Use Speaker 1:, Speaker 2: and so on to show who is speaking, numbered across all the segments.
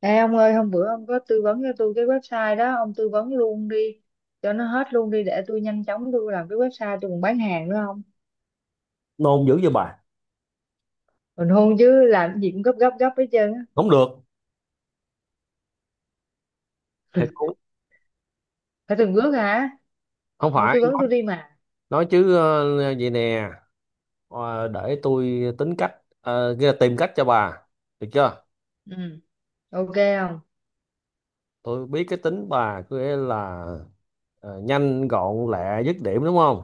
Speaker 1: Ê ông ơi, hôm bữa ông có tư vấn cho tôi cái website đó, ông tư vấn luôn đi, cho nó hết luôn đi để tôi nhanh chóng tôi làm cái website tôi còn bán hàng nữa không?
Speaker 2: Nôn dữ vậy bà?
Speaker 1: Còn hôn chứ làm cái gì cũng gấp gấp gấp hết trơn á.
Speaker 2: Không được. Không.
Speaker 1: Phải từng bước hả?
Speaker 2: Không
Speaker 1: Thôi
Speaker 2: phải.
Speaker 1: tư vấn tôi đi mà.
Speaker 2: Nói chứ, vậy nè. Để tôi tính cách. Nghĩa là tìm cách cho bà. Được chưa?
Speaker 1: Ừ, ok không?
Speaker 2: Tôi biết cái tính bà, có nghĩa là nhanh gọn lẹ dứt điểm đúng không.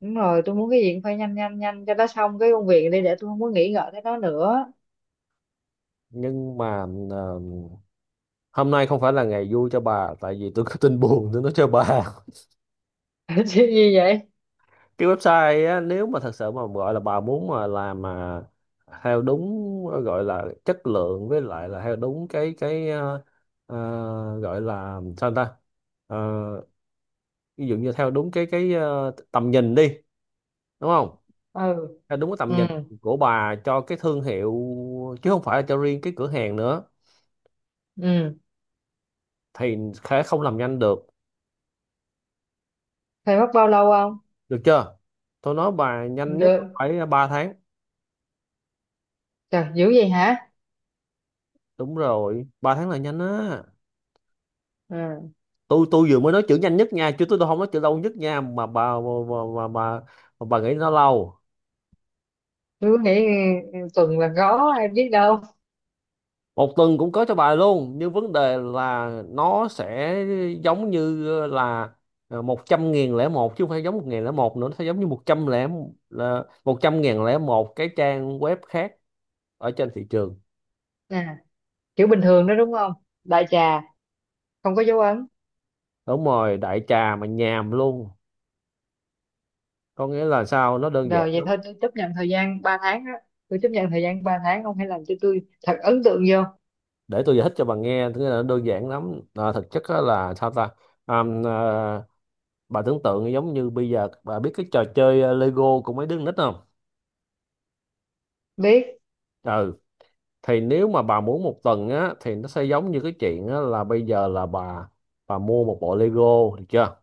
Speaker 1: Đúng rồi, tôi muốn cái gì cũng phải nhanh nhanh nhanh cho nó xong cái công việc đi để tôi không có nghĩ ngợi tới nó nữa.
Speaker 2: Nhưng mà ờ, hôm nay không phải là ngày vui cho bà, tại vì tôi có tin buồn tôi nói cho bà.
Speaker 1: Chứ gì vậy?
Speaker 2: Cái website á, nếu mà thật sự mà gọi là bà muốn mà làm mà theo đúng, gọi là chất lượng, với lại là theo đúng cái ờ, gọi là sao ta. Ờ, ví dụ như theo đúng cái tầm nhìn đi, đúng không?
Speaker 1: Ừ,
Speaker 2: Theo đúng cái tầm
Speaker 1: ừ,
Speaker 2: nhìn của bà cho cái thương hiệu, chứ không phải là cho riêng cái cửa hàng nữa.
Speaker 1: ừ.
Speaker 2: Thì sẽ không làm nhanh được.
Speaker 1: Phải mất bao lâu không?
Speaker 2: Được chưa? Tôi nói bà nhanh nhất.
Speaker 1: Được.
Speaker 2: Phải 3 tháng.
Speaker 1: Trời, dữ vậy hả?
Speaker 2: Đúng rồi, 3 tháng là nhanh á.
Speaker 1: Ừ.
Speaker 2: Tôi vừa mới nói chữ nhanh nhất nha, chứ tôi không nói chữ lâu nhất nha, mà bà nghĩ nó lâu.
Speaker 1: Tôi cứ nghĩ tuần là có, ai biết đâu.
Speaker 2: Một tuần cũng có cho bà luôn, nhưng vấn đề là nó sẽ giống như là 100.001, chứ không phải giống 1.001 nữa. Nó sẽ giống như một trăm lẻ, là 100.001 cái trang web khác ở trên thị trường.
Speaker 1: Nè. Kiểu bình thường đó đúng không? Đại trà, không có dấu ấn.
Speaker 2: Đúng rồi, đại trà mà nhàm luôn. Có nghĩa là sao, nó đơn giản
Speaker 1: Rồi vậy
Speaker 2: lắm.
Speaker 1: thôi, tôi chấp nhận thời gian 3 tháng á, tôi chấp nhận thời gian 3 tháng, ông hãy làm cho tôi thật ấn tượng vô.
Speaker 2: Để tôi giải thích cho bà nghe, thứ là nó đơn giản lắm à, thực chất á là sao ta. À, bà tưởng tượng giống như bây giờ bà biết cái trò chơi Lego của mấy đứa con nít không?
Speaker 1: Biết
Speaker 2: Ừ. Thì nếu mà bà muốn một tuần á thì nó sẽ giống như cái chuyện á, là bây giờ là bà mua một bộ Lego, được chưa?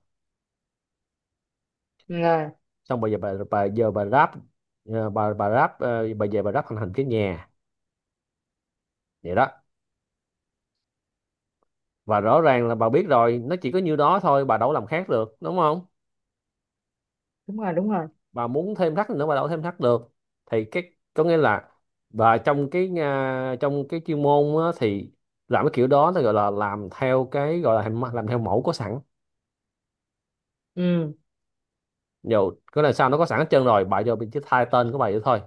Speaker 1: rồi.
Speaker 2: Xong bây giờ bà giờ bà ráp, bà ráp, bà về bà ráp thành hình cái nhà, vậy đó. Và rõ ràng là bà biết rồi, nó chỉ có nhiêu đó thôi, bà đâu có làm khác được, đúng không?
Speaker 1: Đúng rồi, đúng rồi.
Speaker 2: Bà muốn thêm thắt nữa bà đâu có thêm thắt được. Thì cái, có nghĩa là, và trong cái, trong cái chuyên môn á, thì làm cái kiểu đó nó gọi là làm theo, cái gọi là làm theo mẫu có sẵn.
Speaker 1: Ừ.
Speaker 2: Dù cái là sao, nó có sẵn hết trơn rồi, bà vô mình chỉ thay tên của bà vậy thôi.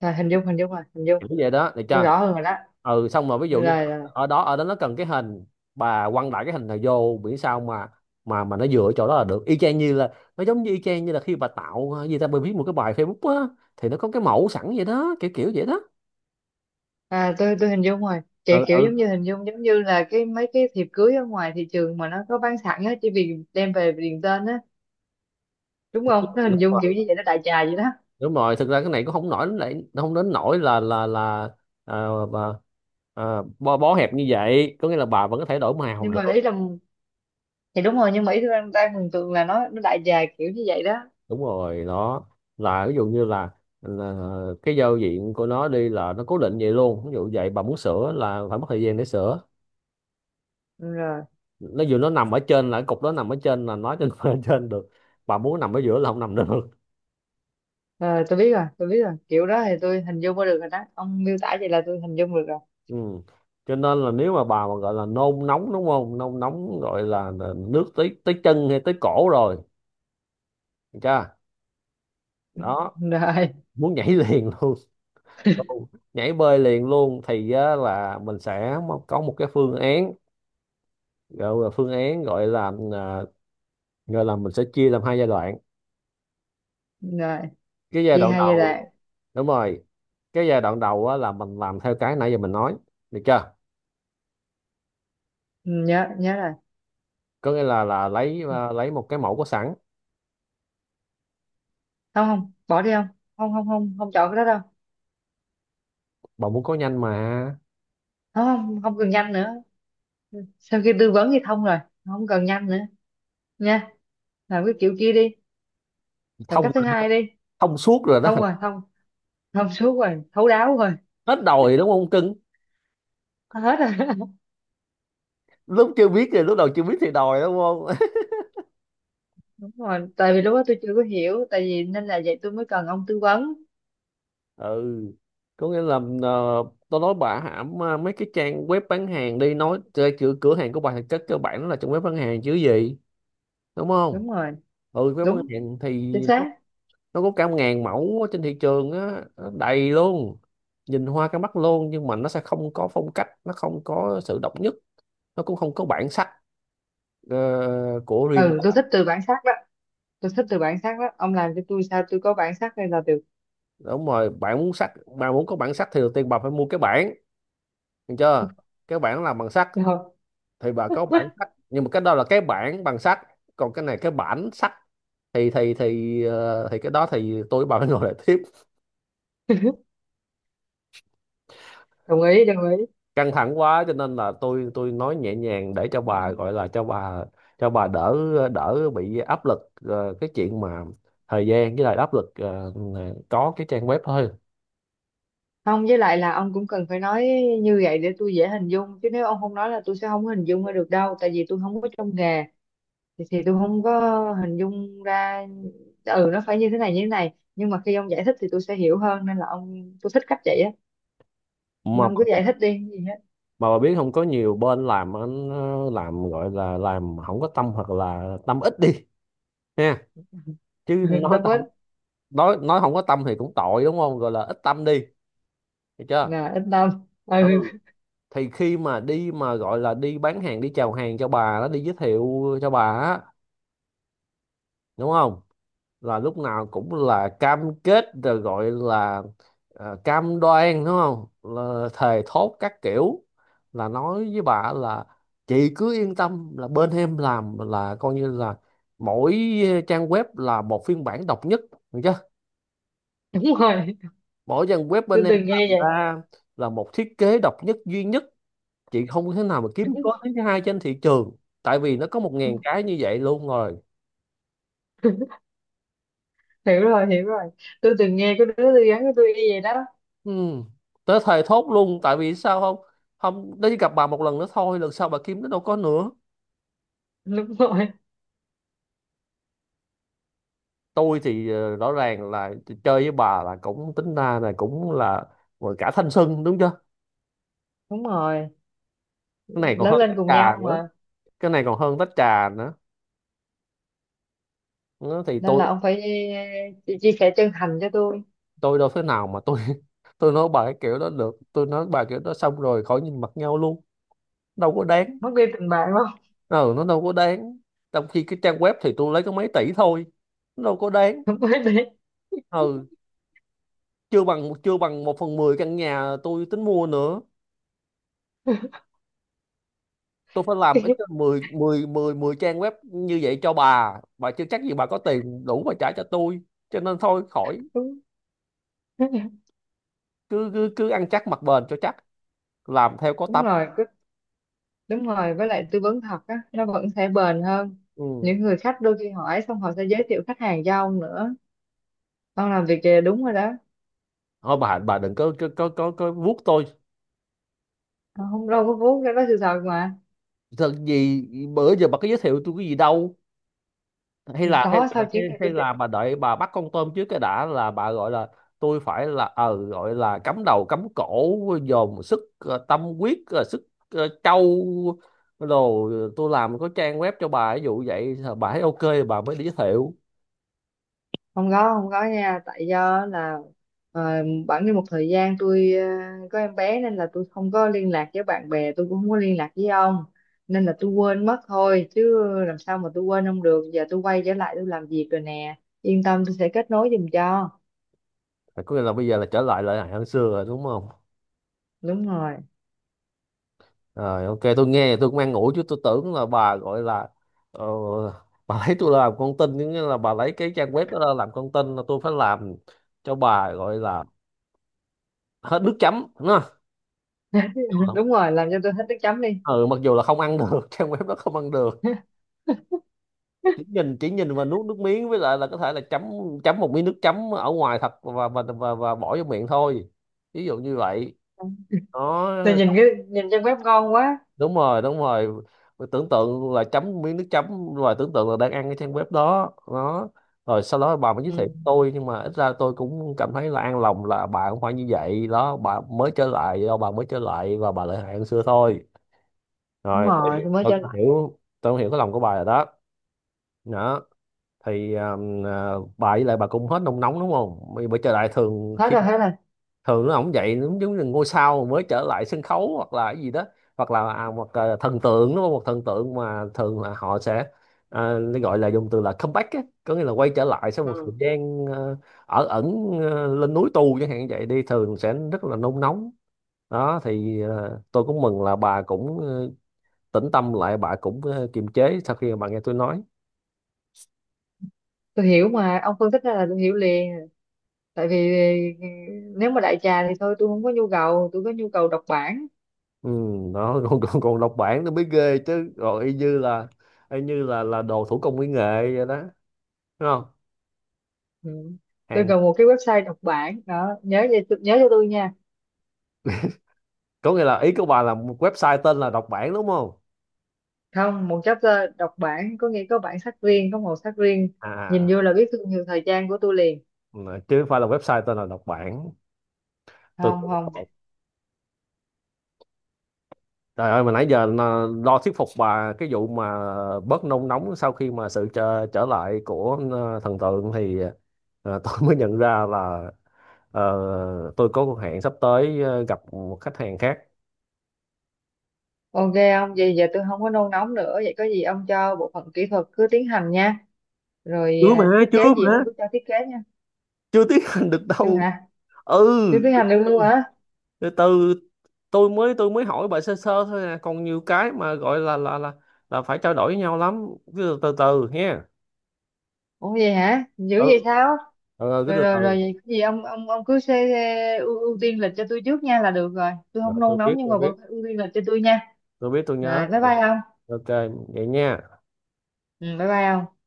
Speaker 1: Rồi, hình dung, hình dung rồi, hình dung.
Speaker 2: Kiểu vậy đó, được
Speaker 1: Tôi
Speaker 2: chưa?
Speaker 1: rõ hơn rồi đó.
Speaker 2: Ừ, xong rồi, ví dụ như.
Speaker 1: Rồi, rồi.
Speaker 2: Ở đó ở đó nó cần cái hình. Bà quăng đại cái hình này vô, miễn sao mà nó dựa chỗ đó là được, y chang như là, nó giống như y chang như là khi bà tạo gì ta, bà viết một cái bài Facebook á, thì nó có cái mẫu sẵn vậy đó, kiểu kiểu vậy đó.
Speaker 1: À, tôi hình dung rồi, kiểu
Speaker 2: Ừ,
Speaker 1: kiểu
Speaker 2: ừ.
Speaker 1: giống như hình dung giống như là cái mấy cái thiệp cưới ở ngoài thị trường mà nó có bán sẵn á, chỉ vì đem về điền tên á. Đúng
Speaker 2: Đúng
Speaker 1: không? Nó hình dung kiểu
Speaker 2: rồi,
Speaker 1: như vậy, nó đại trà vậy đó.
Speaker 2: đúng rồi, thực ra cái này cũng không nổi lại không đến nổi là bà, bó hẹp như vậy, có nghĩa là bà vẫn có thể đổi màu
Speaker 1: Nhưng
Speaker 2: được.
Speaker 1: mà ý là, thì đúng rồi, nhưng mà ý tôi đang mường tượng là nó đại trà kiểu như vậy đó.
Speaker 2: Đúng rồi đó. Là ví dụ như là cái giao diện của nó đi là nó cố định vậy luôn, ví dụ vậy bà muốn sửa là phải mất thời gian để sửa.
Speaker 1: Ừ, rồi.
Speaker 2: Nó dù nó nằm ở trên là cái cục đó nằm ở trên, là nói trên ở trên được. Bà muốn nằm ở giữa là không nằm được.
Speaker 1: Ờ, tôi biết rồi, tôi biết rồi. Kiểu đó thì tôi hình dung ra được rồi đó. Ông miêu tả vậy là tôi hình dung được rồi.
Speaker 2: Ừ. Cho nên là nếu mà bà mà gọi là nôn nóng đúng không, nôn nóng gọi là nước tới tới chân hay tới cổ rồi. Được chưa? Đó.
Speaker 1: Rồi,
Speaker 2: Muốn nhảy liền luôn. Luôn. Nhảy bơi liền luôn thì á, là mình sẽ có một cái phương án, gọi là phương án, gọi là gọi là mình sẽ chia làm hai giai đoạn.
Speaker 1: rồi.
Speaker 2: Cái giai
Speaker 1: Chia
Speaker 2: đoạn
Speaker 1: hai giai
Speaker 2: đầu.
Speaker 1: đoạn.
Speaker 2: Đúng rồi. Cái giai đoạn đầu á, là mình làm theo cái nãy giờ mình nói. Được chưa?
Speaker 1: Ừ, nhớ, nhớ rồi.
Speaker 2: Có nghĩa là lấy, lấy một cái mẫu có sẵn.
Speaker 1: Không, không, bỏ đi không? Không, không, không, không chọn cái đó đâu.
Speaker 2: Bà muốn có nhanh mà.
Speaker 1: Không, không, không cần nhanh nữa. Sau khi tư vấn thì thông rồi. Không cần nhanh nữa. Nha. Làm cái kiểu kia đi. Làm
Speaker 2: Thông.
Speaker 1: cách thứ hai đi.
Speaker 2: Thông suốt rồi đó.
Speaker 1: Thông rồi, thông. Thông suốt rồi, thấu đáo rồi.
Speaker 2: Hết đòi đúng không cưng?
Speaker 1: Hết rồi.
Speaker 2: Lúc chưa biết thì, lúc đầu chưa biết thì đòi đúng không?
Speaker 1: Đúng rồi. Tại vì lúc đó tôi chưa có hiểu. Tại vì nên là vậy tôi mới cần ông tư vấn.
Speaker 2: Ừ. Có nghĩa là ờ, tôi nói bà hãm mấy cái trang web bán hàng đi, nói chơi cửa cửa hàng của bà thì chắc cơ bản nó là trong web bán hàng chứ gì. Đúng không?
Speaker 1: Đúng rồi.
Speaker 2: Ừ, web bán
Speaker 1: Đúng.
Speaker 2: hàng thì
Speaker 1: Chính
Speaker 2: nó,
Speaker 1: xác.
Speaker 2: nó có cả ngàn mẫu ở trên thị trường á, nó đầy luôn. Nhìn hoa cả mắt luôn, nhưng mà nó sẽ không có phong cách, nó không có sự độc nhất. Nó cũng không có bản sắc, ờ, của riêng
Speaker 1: Ừ, tôi
Speaker 2: bà.
Speaker 1: thích từ bản sắc đó. Tôi thích từ bản sắc đó, ông làm cho tôi sao tôi có bản sắc hay là được.
Speaker 2: Đúng rồi, bạn muốn sắc. Bạn muốn có bản sắc thì đầu tiên bà phải mua cái bản. Được chưa? Cái bản làm bằng sắt.
Speaker 1: Rồi,
Speaker 2: Thì bà có bản sách, nhưng mà cái đó là cái bản bằng sách. Còn cái này cái bản sách. Thì cái đó thì tôi với bà phải ngồi lại tiếp.
Speaker 1: đồng ý, đồng ý.
Speaker 2: Căng thẳng quá, cho nên là tôi nói nhẹ nhàng để cho bà, gọi là cho bà, đỡ. Đỡ bị áp lực, cái chuyện mà. Thời gian với lại áp lực, có cái trang web thôi.
Speaker 1: Không, với lại là ông cũng cần phải nói như vậy để tôi dễ hình dung, chứ nếu ông không nói là tôi sẽ không có hình dung ra được đâu, tại vì tôi không có trong nghề, thì tôi không có hình dung ra. Ừ, nó phải như thế này, như thế này, nhưng mà khi ông giải thích thì tôi sẽ hiểu hơn, nên là ông, tôi thích cách vậy á. Nên
Speaker 2: mà
Speaker 1: ông
Speaker 2: bà
Speaker 1: cứ giải
Speaker 2: biết,
Speaker 1: thích đi gì hết.
Speaker 2: mà bà biết không có nhiều bên làm anh làm, gọi là làm không có tâm hoặc là tâm ít đi. Ha. Chứ
Speaker 1: Ừ,
Speaker 2: nói
Speaker 1: tâm
Speaker 2: tâm.
Speaker 1: ích.
Speaker 2: Nói không có tâm thì cũng tội đúng không, gọi là ít tâm đi. Được chưa?
Speaker 1: Là ít tâm.
Speaker 2: Ừ.
Speaker 1: Ừ.
Speaker 2: Thì khi mà đi mà gọi là đi bán hàng, đi chào hàng cho bà đó, đi giới thiệu cho bà á. Đúng không? Là lúc nào cũng là cam kết rồi, gọi là cam đoan đúng không. Là thề thốt các kiểu. Là nói với bà là. Chị cứ yên tâm là bên em làm là coi như là. Mỗi trang web là một phiên bản độc nhất, được chưa?
Speaker 1: Đúng rồi.
Speaker 2: Mỗi trang web bên
Speaker 1: Tôi
Speaker 2: em
Speaker 1: từng nghe
Speaker 2: làm
Speaker 1: vậy.
Speaker 2: ra. Là một thiết kế độc nhất duy nhất. Chị không thể nào mà kiếm
Speaker 1: Đúng.
Speaker 2: có thứ hai trên thị trường. Tại vì nó có 1.000 cái như vậy luôn rồi.
Speaker 1: Hiểu rồi, hiểu rồi. Tôi từng nghe có đứa tôi gắn với tôi y vậy đó.
Speaker 2: Ừ. Tới thề thốt luôn, tại vì sao không. Không đấy, gặp bà một lần nữa thôi, lần sau bà kiếm nó đâu có nữa.
Speaker 1: Đúng rồi,
Speaker 2: Tôi thì rõ ràng là. Chơi với bà là cũng tính ra là cũng là. Gọi cả thanh xuân, đúng chưa?
Speaker 1: đúng rồi.
Speaker 2: Cái này còn
Speaker 1: Lớn
Speaker 2: hơn
Speaker 1: lên
Speaker 2: tách
Speaker 1: cùng
Speaker 2: trà
Speaker 1: nhau
Speaker 2: nữa.
Speaker 1: mà,
Speaker 2: Cái này còn hơn tách trà nữa. Nó thì
Speaker 1: nên
Speaker 2: tôi.
Speaker 1: là ông phải chia sẻ chân thành cho tôi.
Speaker 2: Tôi đâu thế nào mà tôi tôi nói bà cái kiểu đó được, tôi nói bà kiểu đó xong rồi khỏi nhìn mặt nhau luôn. Đâu có đáng.
Speaker 1: Mất đi tình bạn không?
Speaker 2: Ừ, nó đâu có đáng. Trong khi cái trang web thì tôi lấy có mấy tỷ thôi. Nó đâu có đáng.
Speaker 1: Không phải đi.
Speaker 2: Ừ. Chưa bằng 1/10 căn nhà tôi tính mua nữa. Tôi phải làm ít nhất mười mười mười mười trang web như vậy cho bà. Bà chưa chắc gì bà có tiền đủ mà trả cho tôi. Cho nên thôi khỏi.
Speaker 1: Đúng.
Speaker 2: Cứ cứ cứ ăn chắc mặc bền cho chắc. Làm theo có
Speaker 1: Đúng
Speaker 2: tâm.
Speaker 1: rồi, cứ-. Đúng rồi, với lại tư vấn thật á nó vẫn sẽ bền hơn.
Speaker 2: Ừ.
Speaker 1: Những người khách đôi khi hỏi xong họ sẽ giới thiệu khách hàng cho ông nữa. Ông làm việc kìa, đúng rồi đó.
Speaker 2: Thôi, bà đừng có vuốt tôi.
Speaker 1: Ông không đâu, có vốn ra đó, sự thật mà.
Speaker 2: Thật gì. Bữa giờ bà có giới thiệu tôi cái gì đâu. hay là hay
Speaker 1: Có,
Speaker 2: là
Speaker 1: sau
Speaker 2: hay,
Speaker 1: chuyến này
Speaker 2: hay
Speaker 1: tôi sẽ.
Speaker 2: là bà đợi bà bắt con tôm trước cái đã, là bà gọi là. Tôi phải là gọi là cắm đầu cắm cổ dồn sức, tâm huyết, sức. Trau. Rồi tôi làm có trang web cho bà, ví dụ vậy bà thấy ok. Bà mới đi giới thiệu.
Speaker 1: Không có, không có nha, tại do là ờ, bẵng đi một thời gian tôi có em bé, nên là tôi không có liên lạc với bạn bè, tôi cũng không có liên lạc với ông, nên là tôi quên mất thôi, chứ làm sao mà tôi quên ông được. Giờ tôi quay trở lại tôi làm việc rồi nè, yên tâm, tôi sẽ kết nối giùm cho.
Speaker 2: Có nghĩa là bây giờ là trở lại lại hơn xưa rồi đúng không?
Speaker 1: Đúng rồi.
Speaker 2: Rồi ok, tôi nghe tôi cũng an ủi, chứ tôi tưởng là bà gọi là. ờ, bà lấy tôi làm con tin, nghĩa là bà lấy cái trang web đó ra làm con tin, là tôi phải làm. Cho bà, gọi là. Hết nước chấm đúng không?
Speaker 1: Đúng rồi, làm cho tôi hết nước chấm đi.
Speaker 2: Ừ, mặc dù là không ăn được trang web đó không ăn được. Chỉ nhìn chỉ nhìn và nuốt nước miếng, với lại là có thể là chấm. Chấm một miếng nước chấm ở ngoài thật, và bỏ vô miệng thôi. Ví dụ như vậy. Đó.
Speaker 1: Tôi nhìn cái nhìn trang web ngon quá.
Speaker 2: Đúng rồi, đúng rồi. Tưởng tượng là chấm miếng nước chấm rồi tưởng tượng là đang ăn cái trang web đó đó. Rồi sau đó bà mới giới thiệu
Speaker 1: Ừ.
Speaker 2: tôi, nhưng mà ít ra tôi cũng cảm thấy là an lòng là bà không phải như vậy đó, bà mới trở lại, do bà mới trở lại và bà lại hại hơn xưa thôi.
Speaker 1: Đúng
Speaker 2: Rồi
Speaker 1: rồi, tôi mới
Speaker 2: tôi
Speaker 1: trở
Speaker 2: cũng
Speaker 1: lại.
Speaker 2: hiểu, tôi cũng hiểu cái lòng của bà rồi đó. Đó. Thì bà với lại bà cũng hết nôn nóng đúng không, bởi bởi trở lại thường
Speaker 1: Hết
Speaker 2: khi.
Speaker 1: rồi, hết rồi.
Speaker 2: Thường nó ổng vậy, giống giống như ngôi sao mới trở lại sân khấu hoặc là cái gì đó. Hoặc là một, thần tượng, nó một thần tượng mà thường là họ sẽ. À, nó gọi là dùng từ là comeback á, có nghĩa là quay trở lại sau một
Speaker 1: Ừ.
Speaker 2: thời gian ở ẩn. Lên núi tu chẳng hạn, vậy đi thường sẽ rất là nôn nóng. Đó thì tôi cũng mừng là bà cũng tĩnh tâm lại, bà cũng kiềm chế sau khi mà bà nghe tôi nói.
Speaker 1: Tôi hiểu mà, ông phân tích ra là tôi hiểu liền. Tại vì ờ, nếu mà đại trà thì thôi tôi không có nhu cầu, tôi có nhu cầu đọc bản.
Speaker 2: Ừ. Đó còn còn, còn đọc bản nó mới ghê chứ, rồi y như là. Y như là đồ thủ công mỹ nghệ vậy đó. Đúng không?
Speaker 1: Ừ. Tôi
Speaker 2: Hàng.
Speaker 1: cần một cái website đọc bản đó, nhớ vậy nhớ cho tôi nha.
Speaker 2: Có nghĩa là ý của bà là một website tên là đọc bản đúng không?
Speaker 1: Không, một chapter đọc bản, có nghĩa có bản sắc riêng, có màu sắc riêng.
Speaker 2: À
Speaker 1: Nhìn vô
Speaker 2: à.
Speaker 1: là biết thương hiệu thời trang của tôi liền.
Speaker 2: Ừ. Chứ không phải là website tên là đọc bản. Tôi
Speaker 1: Không,
Speaker 2: tưởng
Speaker 1: không.
Speaker 2: lộn. Trời ơi, mà nãy giờ lo thuyết phục bà cái vụ mà. Bớt nôn nóng sau khi mà sự trở lại của thần tượng thì. Tôi mới nhận ra là. ờ, tôi có cuộc hẹn sắp tới gặp một khách hàng khác.
Speaker 1: Ok. Ông vậy giờ tôi không có nôn nóng nữa, vậy có gì ông cho bộ phận kỹ thuật cứ tiến hành nha. Rồi
Speaker 2: Chưa mà.
Speaker 1: à, thiết kế
Speaker 2: Chưa
Speaker 1: gì ông
Speaker 2: mà.
Speaker 1: cứ cho thiết kế nha.
Speaker 2: Chưa tiến hành được
Speaker 1: Chưa
Speaker 2: đâu.
Speaker 1: hả?
Speaker 2: Ừ.
Speaker 1: Chưa tiến hành được luôn hả?
Speaker 2: Từ từ. Tôi mới hỏi bà sơ sơ thôi à, còn nhiều cái mà gọi là là phải trao đổi với nhau lắm. Cứ từ từ nha.
Speaker 1: Ủa vậy hả? Dữ
Speaker 2: Ừ.
Speaker 1: vậy sao?
Speaker 2: Ừ, cứ
Speaker 1: Rồi,
Speaker 2: từ
Speaker 1: rồi, rồi,
Speaker 2: từ.
Speaker 1: vậy có gì ông cứ xê, xê, ưu tiên lịch cho tôi trước nha là được rồi. Tôi không
Speaker 2: Rồi tôi
Speaker 1: nôn
Speaker 2: biết
Speaker 1: nóng nhưng
Speaker 2: tôi
Speaker 1: mà
Speaker 2: biết.
Speaker 1: vẫn phải ưu tiên lịch cho tôi nha.
Speaker 2: Tôi biết tôi nhớ
Speaker 1: Rồi bye
Speaker 2: rồi.
Speaker 1: bye ông.
Speaker 2: Ok. Vậy nha.
Speaker 1: Ừ bye bye ông.